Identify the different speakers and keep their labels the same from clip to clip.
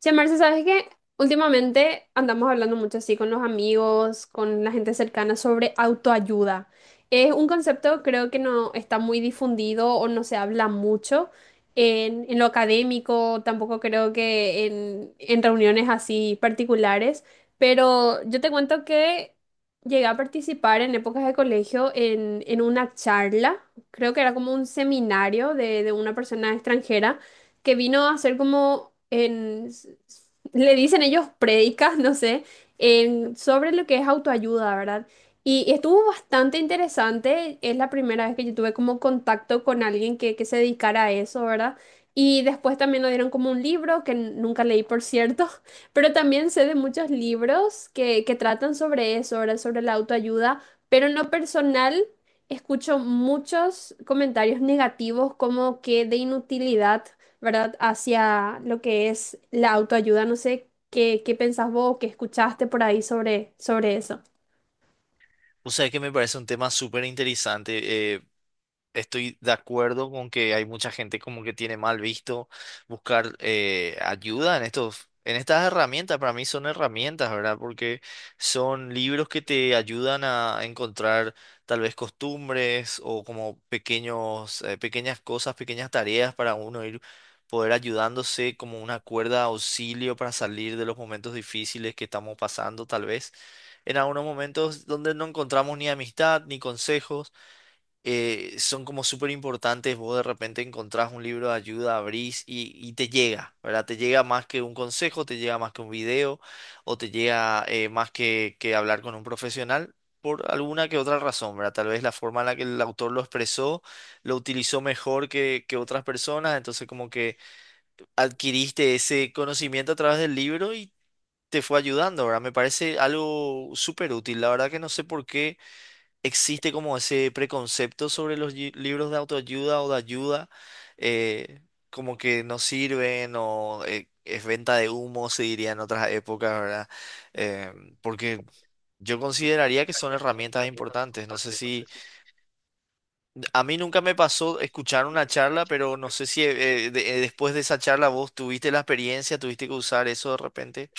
Speaker 1: Che, Marce, ¿sabes qué? Últimamente andamos hablando mucho así con los amigos, con la gente cercana sobre autoayuda. Es un concepto creo que no está muy difundido o no se habla mucho en lo académico, tampoco creo que en reuniones así particulares, pero yo te cuento que llegué a participar en épocas de colegio en una charla, creo que era como un seminario de una persona extranjera que vino a hacer como le dicen ellos prédicas, no sé, sobre lo que es autoayuda, ¿verdad? Y estuvo bastante interesante, es la primera vez que yo tuve como contacto con alguien que se dedicara a eso, ¿verdad? Y después también nos dieron como un libro que nunca leí, por cierto, pero también sé de muchos libros que tratan sobre eso, ¿verdad? Sobre la autoayuda, pero en lo personal escucho muchos comentarios negativos como que de inutilidad. ¿Verdad? Hacia lo que es la autoayuda. No sé qué pensás vos, qué escuchaste por ahí sobre eso.
Speaker 2: O sea, que me parece un tema súper interesante. Estoy de acuerdo con que hay mucha gente como que tiene mal visto buscar ayuda en estos, en estas herramientas. Para mí son herramientas, ¿verdad? Porque son libros que te ayudan a encontrar tal vez costumbres o como pequeños, pequeñas cosas, pequeñas tareas para uno ir poder ayudándose como una cuerda de auxilio para salir de los momentos difíciles que estamos pasando, tal vez en algunos momentos donde no encontramos ni amistad ni consejos. Son como súper importantes. Vos de repente encontrás un libro de ayuda, abrís y, te llega, ¿verdad? Te llega más que un consejo, te llega más que un video o te llega más que hablar con un profesional por alguna que otra razón, ¿verdad? Tal vez la forma en la que el autor lo expresó, lo utilizó mejor que otras personas, entonces como que adquiriste ese conocimiento a través del libro y te fue ayudando, ¿verdad? Me parece algo súper útil. La verdad que no sé por qué existe como ese preconcepto sobre los libros de autoayuda o de ayuda, eh, como que no sirven o es venta de humo, se diría en otras épocas, ¿verdad? Eh, Porque yo consideraría que son herramientas importantes. No sé si... A mí nunca me pasó escuchar una charla, pero no sé si después de esa charla vos tuviste la experiencia, tuviste que usar eso de repente.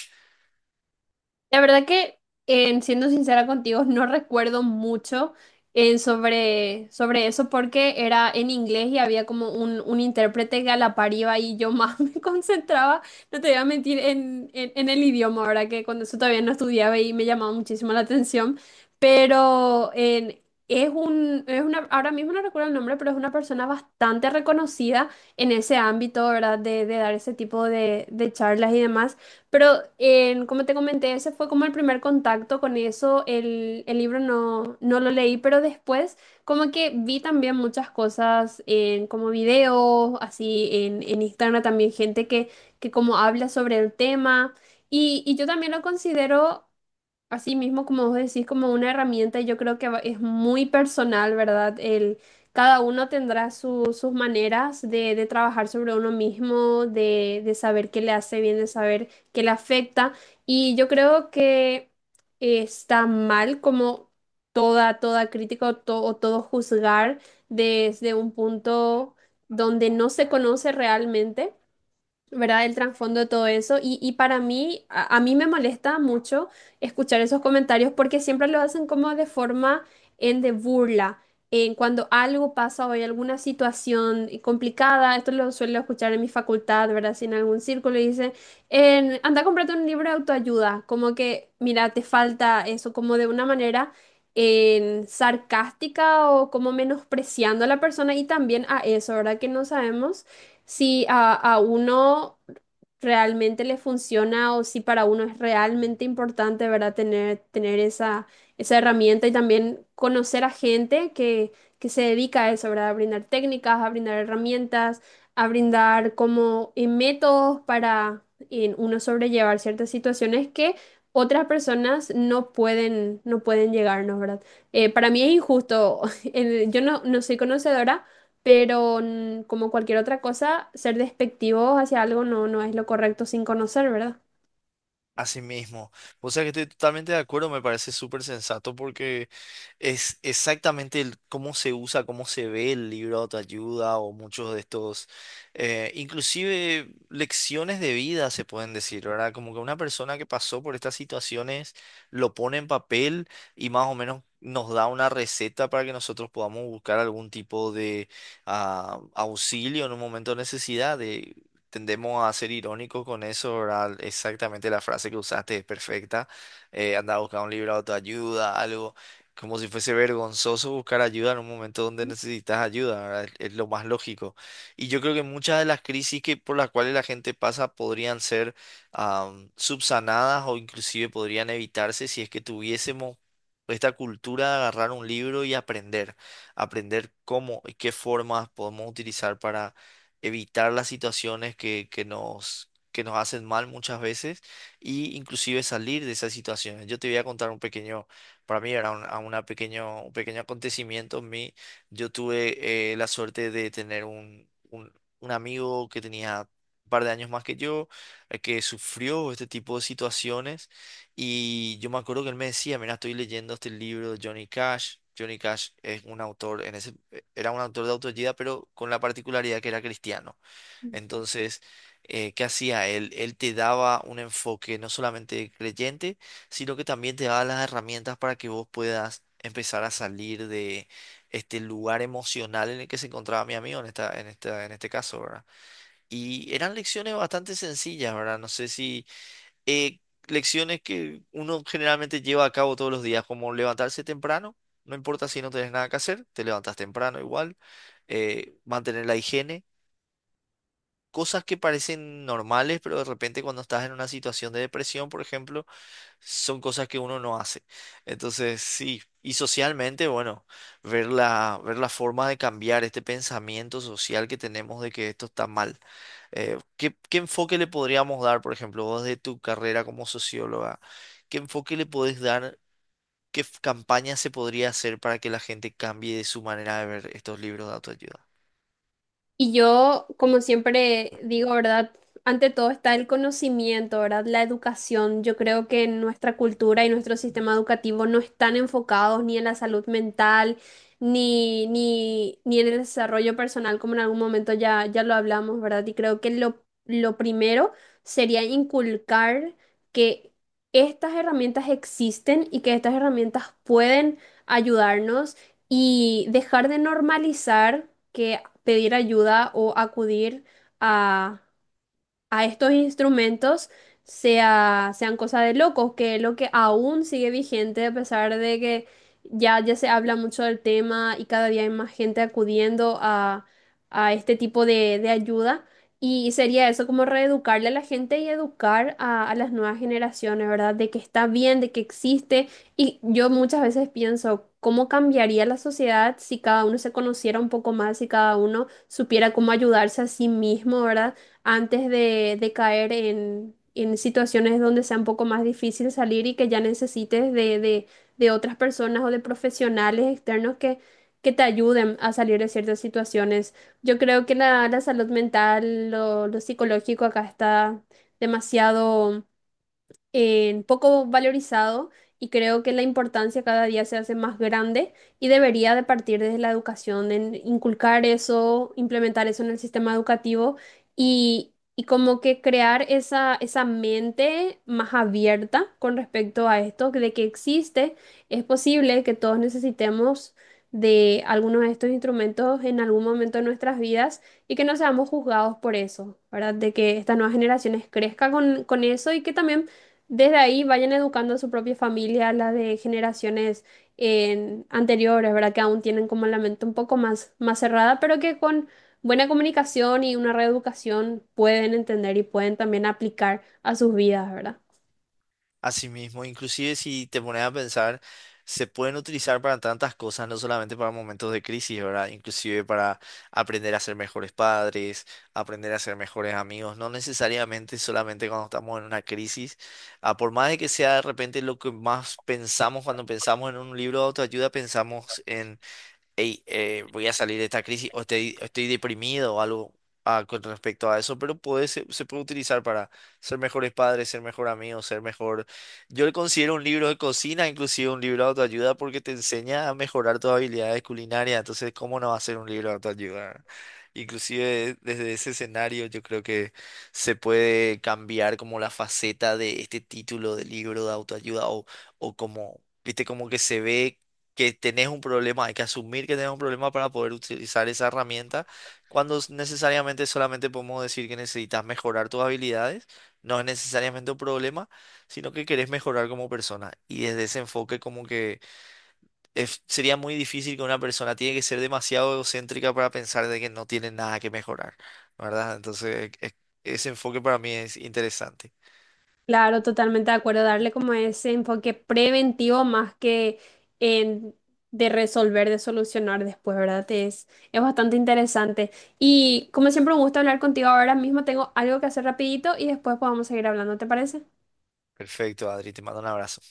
Speaker 1: La verdad que, en siendo sincera contigo, no recuerdo mucho en sobre eso porque era en inglés y había como un intérprete que a la par iba y yo más me concentraba, no te voy a mentir, en el idioma, ahora que cuando eso todavía no estudiaba y me llamaba muchísimo la atención, pero es una, ahora mismo no recuerdo el nombre, pero es una persona bastante reconocida en ese ámbito, ¿verdad? De dar ese tipo de charlas y demás. Pero como te comenté, ese fue como el primer contacto con eso. El libro no lo leí, pero después como que vi también muchas cosas en como videos, así en Instagram también gente que como habla sobre el tema. Y yo también lo considero así mismo, como vos decís, como una herramienta. Yo creo que es muy personal, ¿verdad? Cada uno tendrá sus maneras de trabajar sobre uno mismo, de saber qué le hace bien, de saber qué le afecta. Y yo creo que está mal como toda crítica o, o todo juzgar desde un punto donde no se conoce realmente. ¿Verdad? El trasfondo de todo eso. Y para mí, a mí me molesta mucho escuchar esos comentarios porque siempre lo hacen como de forma en de burla. En Cuando algo pasa o hay alguna situación complicada, esto lo suelo escuchar en mi facultad, ¿verdad? Si en algún círculo y dicen, anda a comprarte un libro de autoayuda, como que, mira, te falta eso, como de una manera en sarcástica o como menospreciando a la persona y también a eso, ¿verdad? Que no sabemos si a uno realmente le funciona o si para uno es realmente importante, ¿verdad? Tener esa, herramienta y también conocer a gente que se dedica a eso, ¿verdad? A brindar técnicas, a brindar herramientas, a brindar como métodos para uno sobrellevar ciertas situaciones que... Otras personas no pueden llegarnos, ¿verdad? Para mí es injusto. Yo no soy conocedora, pero como cualquier otra cosa, ser despectivos hacia algo no es lo correcto sin conocer, ¿verdad?
Speaker 2: Así mismo. O sea que estoy totalmente de acuerdo, me parece súper sensato porque... Es exactamente cómo se usa, cómo se ve el libro de autoayuda o muchos de estos, inclusive lecciones de vida se pueden decir, ¿verdad? Como que una persona que pasó por estas situaciones lo pone en papel y más o menos nos da una receta para que nosotros podamos buscar algún tipo de auxilio en un momento de necesidad. De, tendemos a ser irónicos con eso, ¿verdad? Exactamente la frase que usaste es perfecta. Anda a buscar un libro de autoayuda, algo como si fuese vergonzoso buscar ayuda en un momento donde necesitas ayuda, ¿verdad? Es lo más lógico. Y yo creo que muchas de las crisis que por las cuales la gente pasa podrían ser subsanadas o inclusive podrían evitarse si es que tuviésemos esta cultura de agarrar un libro y aprender, aprender cómo y qué formas podemos utilizar para evitar las situaciones que nos hacen mal muchas veces y inclusive salir de esas situaciones. Yo te voy a contar un pequeño, para mí era un pequeño acontecimiento en mí. Yo tuve la suerte de tener un amigo que tenía un par de años más que yo, que sufrió este tipo de situaciones y yo me acuerdo que él me decía, mira, estoy leyendo este libro de Johnny Cash. Johnny Cash es un autor, era un autor de autoayuda, pero con la particularidad que era cristiano. Entonces, ¿qué hacía él? Él te daba un enfoque no solamente creyente, sino que también te daba las herramientas para que vos puedas empezar a salir de este lugar emocional en el que se encontraba mi amigo en en este caso, ¿verdad? Y eran lecciones bastante sencillas, ¿verdad? No sé si eh, lecciones que uno generalmente lleva a cabo todos los días, como levantarse temprano, no importa si no tenés nada que hacer, te levantas temprano igual, mantener la higiene, cosas que parecen normales, pero de repente cuando estás en una situación de depresión, por ejemplo, son cosas que uno no hace. Entonces, sí, y socialmente, bueno, ver ver la forma de cambiar este pensamiento social que tenemos de que esto está mal. Qué enfoque le podríamos dar, por ejemplo, vos de tu carrera como socióloga? ¿Qué enfoque le podés dar? ¿Qué campaña se podría hacer para que la gente cambie de su manera de ver estos libros de autoayuda?
Speaker 1: Y yo, como siempre digo, ¿verdad? Ante todo está el conocimiento, ¿verdad? La educación. Yo creo que nuestra cultura y nuestro sistema educativo no están enfocados ni en la salud mental, ni en el desarrollo personal, como en algún momento ya lo hablamos, ¿verdad? Y creo que lo primero sería inculcar que estas herramientas existen y que estas herramientas pueden ayudarnos y dejar de normalizar que pedir ayuda o acudir a a estos instrumentos sean cosas de locos, que es lo que aún sigue vigente a pesar de que ya se habla mucho del tema y cada día hay más gente acudiendo a este tipo de ayuda. Y sería eso como reeducarle a la gente y educar a las nuevas generaciones, ¿verdad? De que está bien, de que existe. Y yo muchas veces pienso, ¿cómo cambiaría la sociedad si cada uno se conociera un poco más, si cada uno supiera cómo ayudarse a sí mismo? ¿Verdad? Antes de caer en situaciones donde sea un poco más difícil salir y que ya necesites de otras personas o de profesionales externos que te ayuden a salir de ciertas situaciones. Yo creo que la salud mental, lo psicológico acá está demasiado en poco valorizado y creo que la importancia cada día se hace más grande y debería de partir desde la educación, en inculcar eso, implementar eso en el sistema educativo y como que crear esa, mente más abierta con respecto a esto, de que existe, es posible que todos necesitemos de algunos de estos instrumentos en algún momento de nuestras vidas y que no seamos juzgados por eso, ¿verdad? De que estas nuevas generaciones crezcan con eso y que también desde ahí vayan educando a su propia familia, la de generaciones anteriores, ¿verdad? Que aún tienen como la mente un poco más cerrada, pero que con buena comunicación y una reeducación pueden entender y pueden también aplicar a sus vidas, ¿verdad?
Speaker 2: Así mismo, inclusive si te pones a pensar, se pueden utilizar para tantas cosas, no solamente para momentos de crisis, ¿verdad? Inclusive para aprender a ser mejores padres, aprender a ser mejores amigos, no necesariamente solamente cuando estamos en una crisis. Ah, por más de que sea de repente lo que más pensamos cuando pensamos en un libro de autoayuda, pensamos, hey, voy a salir de esta crisis o estoy, estoy deprimido o algo con respecto a eso, pero puede, se puede utilizar para ser mejores padres, ser mejor amigos, ser mejor... Yo le considero un libro de cocina, inclusive un libro de autoayuda, porque te enseña a mejorar tus habilidades culinarias, entonces, ¿cómo no va a ser un libro de autoayuda? Inclusive desde ese escenario yo creo que se puede cambiar como la faceta de este título de libro de autoayuda o como, viste, como que se ve que tenés un problema, hay que asumir que tenés un problema para poder utilizar esa herramienta, cuando necesariamente solamente podemos decir que necesitas mejorar tus habilidades, no es necesariamente un problema, sino que querés mejorar como persona. Y desde ese enfoque como que sería muy difícil, que una persona tiene que ser demasiado egocéntrica para pensar de que no tiene nada que mejorar, ¿verdad? Entonces, ese enfoque para mí es interesante.
Speaker 1: Claro, totalmente de acuerdo, darle como ese enfoque preventivo más que en- de resolver, de solucionar después, ¿verdad? Es bastante interesante. Y como siempre, un gusto hablar contigo. Ahora mismo tengo algo que hacer rapidito y después podemos seguir hablando, ¿te parece?
Speaker 2: Perfecto, Adri, te mando un abrazo.